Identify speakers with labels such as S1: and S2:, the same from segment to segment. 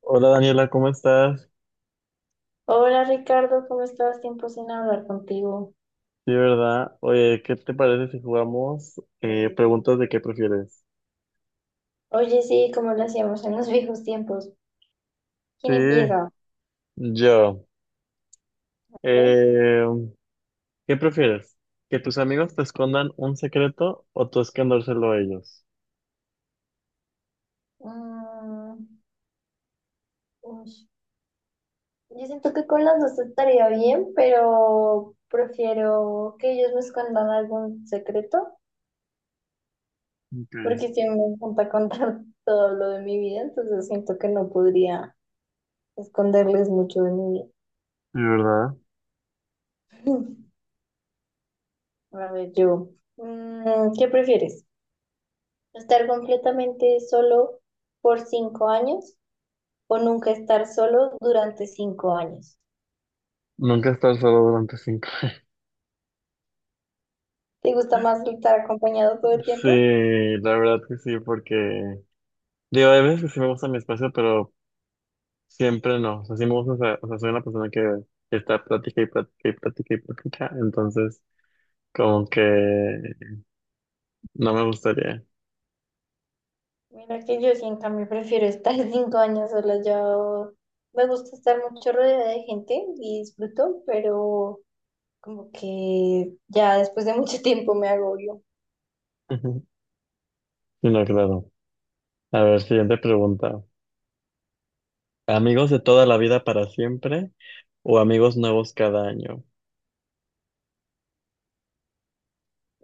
S1: Hola Daniela, ¿cómo estás?
S2: Hola Ricardo, ¿cómo estás? Tiempo sin hablar contigo.
S1: Sí, ¿verdad? Oye, ¿qué te parece si jugamos preguntas de qué prefieres?
S2: Oye, sí, como lo hacíamos en los viejos tiempos. ¿Quién
S1: Sí,
S2: empieza?
S1: yo.
S2: A ver.
S1: Eh, ¿qué prefieres? ¿Que tus amigos te escondan un secreto o tú escondérselo a ellos?
S2: Mm, uy. Yo siento que con las dos estaría bien, pero prefiero que ellos me escondan algún secreto,
S1: Ok, sí,
S2: porque si me encanta contar todo lo de mi vida, entonces siento que no podría esconderles mucho de mi vida.
S1: ¿verdad?
S2: A ver, ¿qué prefieres? ¿Estar completamente solo por 5 años o nunca estar solo durante 5 años?
S1: Nunca estar solo durante 5 años.
S2: ¿Te gusta más estar acompañado todo el
S1: Sí,
S2: tiempo?
S1: la verdad que sí, porque digo, hay veces que sí me gusta mi espacio, pero siempre no. O sea, sí me gusta, o sea, soy una persona que está plática y plática y plática y plática, entonces... Como que no me gustaría.
S2: Mira que yo sí, en cambio, prefiero estar 5 años sola. Yo me gusta estar mucho rodeada de gente y disfruto, pero como que ya después de mucho tiempo me agobio.
S1: Ujú. No, claro. A ver, siguiente pregunta. ¿Amigos de toda la vida para siempre o amigos nuevos cada año?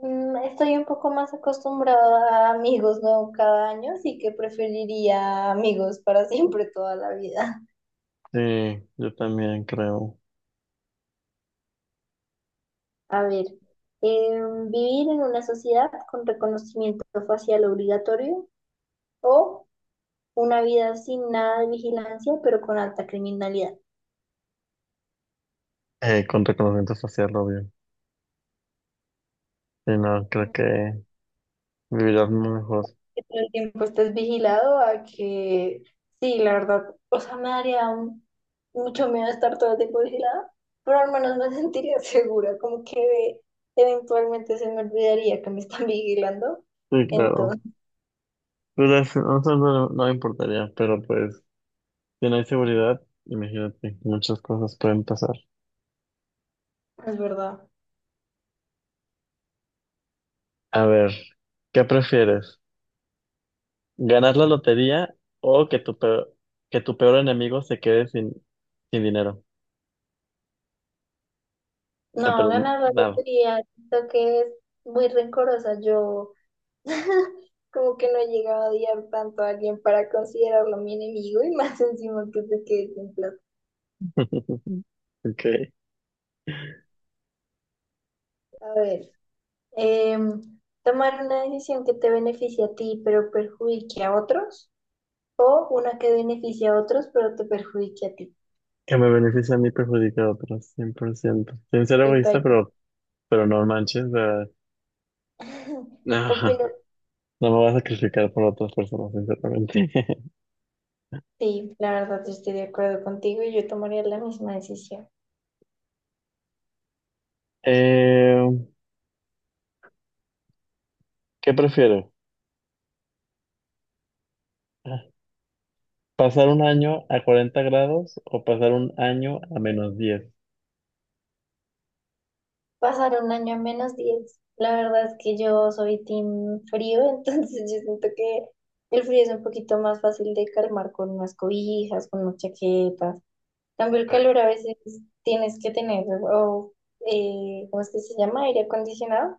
S2: Estoy un poco más acostumbrada a amigos nuevos cada año, así que preferiría amigos para siempre toda la vida.
S1: Sí, yo también creo.
S2: A ver, vivir en una sociedad con reconocimiento facial obligatorio o una vida sin nada de vigilancia, pero con alta criminalidad.
S1: Con reconocimiento facial, obvio. Sí, no, creo que vivirás muy mejor.
S2: Que todo el tiempo estés vigilado a que, sí, la verdad, o sea, me daría mucho miedo estar todo el tiempo vigilada, pero al menos me sentiría segura, como que eventualmente se me olvidaría que me están vigilando.
S1: Sí, claro.
S2: Entonces,
S1: Pero eso no, no no me importaría, pero pues, si no hay seguridad, imagínate, muchas cosas pueden pasar.
S2: es verdad.
S1: A ver, ¿qué prefieres? ¿Ganar la lotería o que tu peor enemigo se quede sin dinero? O sea,
S2: No,
S1: pero
S2: ganar la
S1: nada.
S2: lotería, siento que es muy rencorosa. Yo como que no he llegado a odiar tanto a alguien para considerarlo mi enemigo y más encima que te quedes sin plata.
S1: Ok.
S2: A ver, tomar una decisión que te beneficie a ti pero perjudique a otros o una que beneficie a otros pero te perjudique a ti.
S1: Que me beneficie a mí perjudica a otros, 100%. Sin ser
S2: Y
S1: egoísta,
S2: paila.
S1: pero no manches. Ajá.
S2: Opino,
S1: No me voy a sacrificar por otras personas, sinceramente.
S2: sí, la verdad yo estoy de acuerdo contigo y yo tomaría la misma decisión.
S1: Eh, ¿qué prefiero? ¿Pasar un año a 40 grados o pasar un año a -10?
S2: Pasar un año a -10. La verdad es que yo soy team frío, entonces yo siento que el frío es un poquito más fácil de calmar con unas cobijas, con unas chaquetas. En cambio, el
S1: Sí,
S2: calor a veces tienes que tener, o, ¿cómo es que se llama? Aire acondicionado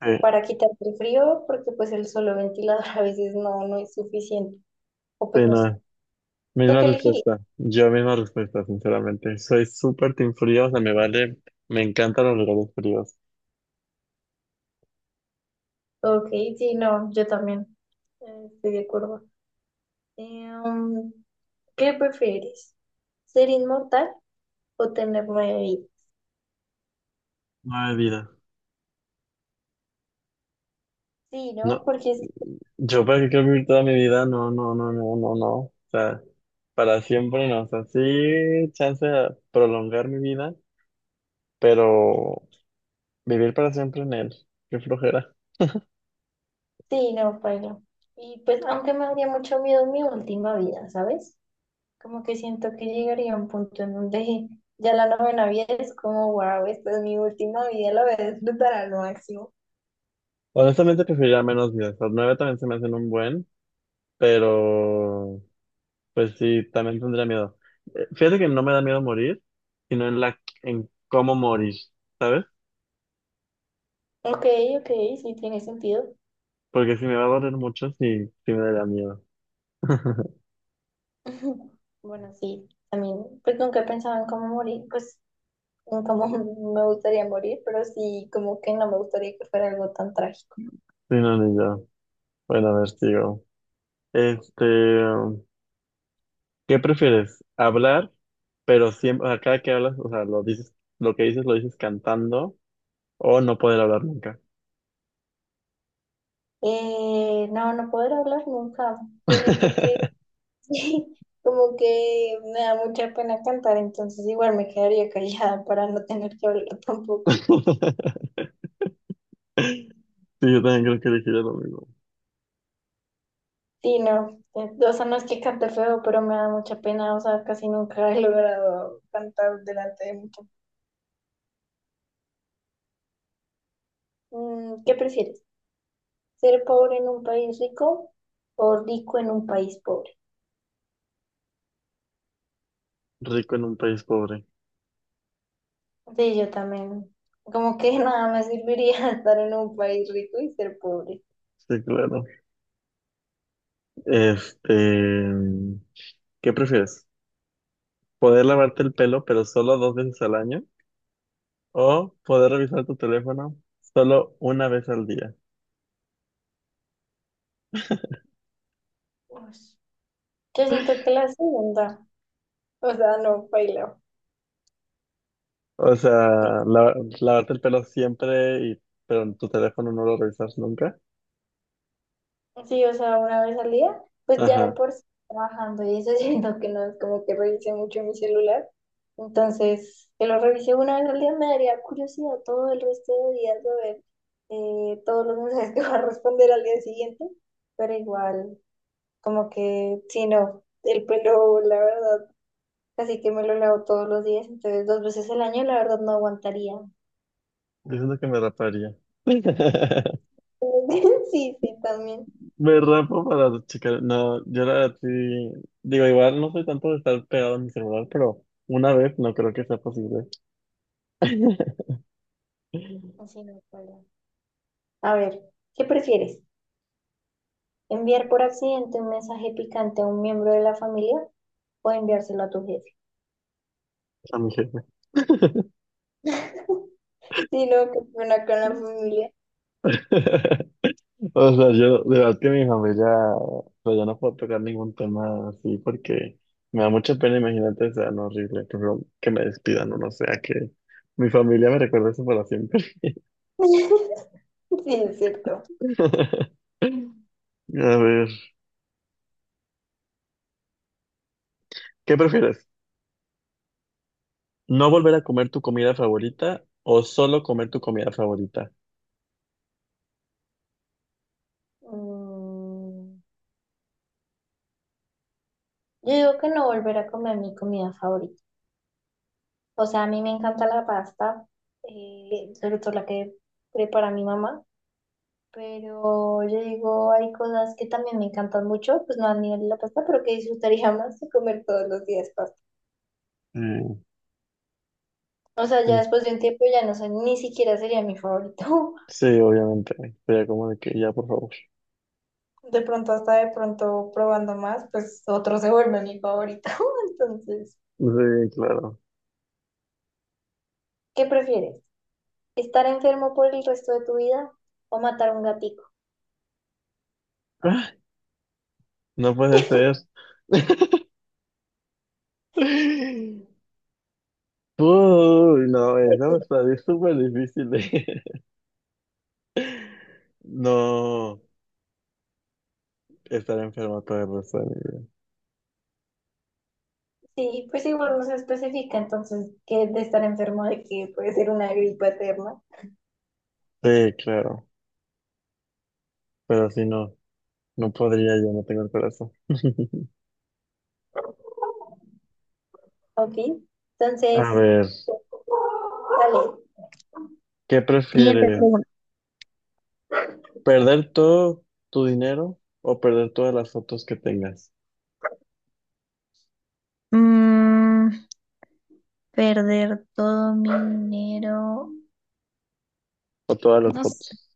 S1: sí,
S2: para quitarte el frío, porque pues el solo ventilador a veces no, no es suficiente. O
S1: sí,
S2: pues no sé,
S1: no.
S2: ¿tú qué elegirías?
S1: Yo misma respuesta, sinceramente. Soy súper team frío, o sea, me vale, me encantan los regalos fríos.
S2: Ok, sí, no, yo también, estoy de acuerdo. Em, ¿Qué prefieres? ¿Ser inmortal o tener nueve vidas?
S1: No hay vida.
S2: Sí,
S1: No,
S2: ¿no? Porque
S1: yo para qué quiero vivir toda mi vida, no, no, no, no, no, no. O sea, para siempre no, o sea, sí, chance de prolongar mi vida, pero vivir para siempre en él, qué flojera.
S2: sí, no, pero. Y pues, aunque me daría mucho miedo mi última vida, ¿sabes? Como que siento que llegaría a un punto en donde ya la novena vida es como, wow, esta es mi última vida, la voy a disfrutar al máximo.
S1: Honestamente preferiría menos días, los nueve también se me hacen un buen, pero pues sí, también tendría miedo. Fíjate que no me da miedo morir, sino en cómo morir, ¿sabes?
S2: Ok, ok, sí tiene sentido.
S1: Porque si me va a doler mucho, sí, sí me daría miedo.
S2: Bueno, sí, también, pues nunca he pensado en cómo morir, pues en cómo me gustaría morir, pero sí, como que no me gustaría que fuera algo tan trágico.
S1: Sí, no, ni yo. Bueno, a ver, sigo. Este, ¿qué prefieres? ¿Hablar, pero siempre, o sea, cada que hablas, o sea, lo dices, lo que dices lo dices cantando, o no poder hablar nunca?
S2: No, no poder hablar nunca. Yo siento que sí, como que me da mucha pena cantar, entonces igual me quedaría callada para no tener que hablar tampoco.
S1: Sí, yo también creo que elegiría lo mismo.
S2: Sí, no, o sea, no es que cante feo, pero me da mucha pena, o sea, casi nunca he logrado cantar delante de mucha. ¿Qué prefieres? ¿Ser pobre en un país rico o rico en un país pobre?
S1: Rico en un país pobre.
S2: Sí, yo también. Como que nada me serviría estar en un país rico y ser pobre.
S1: Sí, claro. Este, ¿qué prefieres? ¿Poder lavarte el pelo, pero solo dos veces al año, o poder revisar tu teléfono solo una vez al día?
S2: Uy. Yo siento que la segunda, o sea, no bailo.
S1: O sea, lavarte el pelo siempre, y, pero en tu teléfono no lo revisas nunca.
S2: Sí, o sea, una vez al día, pues ya de
S1: Ajá,
S2: por sí trabajando y eso siento que no es como que revise mucho mi celular. Entonces, que lo revise una vez al día me daría curiosidad todo el resto de días de ver, todos los mensajes que va a responder al día siguiente, pero igual, como que si no, el pelo, la verdad, así que me lo lavo todos los días, entonces 2 veces al año, la verdad, no aguantaría.
S1: diciendo que me raparía.
S2: Sí, sí, también.
S1: Me rapo para checar. No, yo la verdad sí. Digo, igual no soy tanto de estar pegado a mi celular, pero una vez no creo que sea posible.
S2: Así no, Paula. A ver, ¿qué prefieres? ¿Enviar por accidente un mensaje picante a un miembro de la familia o enviárselo a tu jefe?
S1: A mi jefe.
S2: Sí, lo que pena con la familia.
S1: O sea, yo, de verdad que mi familia, o sea, yo no puedo tocar ningún tema así porque me da mucha pena, imagínate, o sea, no horrible, pero que me despidan o no sea que mi familia me recuerde eso para siempre.
S2: Sí, es cierto.
S1: A ver, ¿qué prefieres? ¿No volver a comer tu comida favorita o solo comer tu comida favorita?
S2: Mm, yo digo que no volver a comer mi comida favorita. O sea, a mí me encanta la pasta, sobre todo la que prepara mi mamá, pero yo digo, hay cosas que también me encantan mucho, pues no a nivel de la pasta, pero que disfrutaría más de comer todos los días pasta.
S1: Mm,
S2: O sea, ya
S1: mm.
S2: después de un tiempo ya no sé, ni siquiera sería mi favorito.
S1: Sí, obviamente, sería como de que ya, por favor.
S2: De pronto, hasta de pronto probando más, pues otro se vuelve mi favorito. Entonces,
S1: Sí, claro.
S2: ¿qué prefieres? ¿Estar enfermo por el resto de tu vida o matar un gatito?
S1: Ah, no puede ser. Uy, no, eso está es súper difícil. No, estar enfermo todo el resto de mi
S2: Sí, pues igual no se especifica, entonces, que de estar enfermo de que puede ser una gripa eterna.
S1: vida. Sí, claro, pero si no, no podría, yo no tengo el corazón.
S2: Ok,
S1: A
S2: entonces,
S1: ver,
S2: dale.
S1: ¿qué
S2: Siguiente
S1: prefieres?
S2: pregunta.
S1: ¿Perder todo tu dinero o perder todas las fotos que tengas?
S2: Mm, Perder todo mi dinero.
S1: O todas las
S2: No sé.
S1: fotos.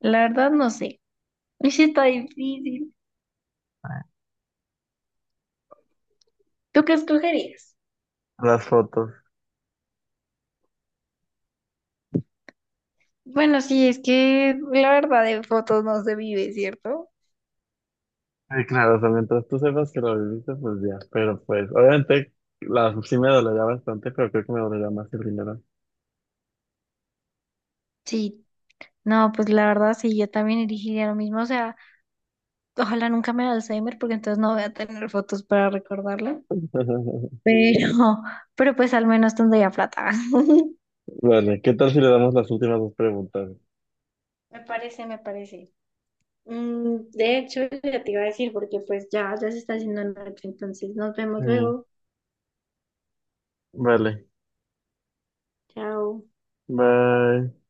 S2: La verdad no sé. Uy, sí está difícil. ¿Tú qué escogerías?
S1: Las fotos.
S2: Bueno, sí, es que la verdad de fotos no se vive, ¿cierto?
S1: Sí, claro, o sea, mientras tú sepas que lo viviste, pues ya, pero pues, obviamente, sí me dolería bastante, pero creo que me dolería más el dinero.
S2: Sí, no, pues la verdad sí, yo también elegiría lo mismo. O sea, ojalá nunca me dé Alzheimer porque entonces no voy a tener fotos para recordarlo. Pero, pero pues al menos tendría plata.
S1: Vale, ¿qué tal si le damos las últimas dos preguntas?
S2: Me parece, me parece. De hecho, ya te iba a decir porque pues ya se está haciendo noche, entonces nos vemos
S1: Sí,
S2: luego.
S1: vale,
S2: Chao.
S1: bye.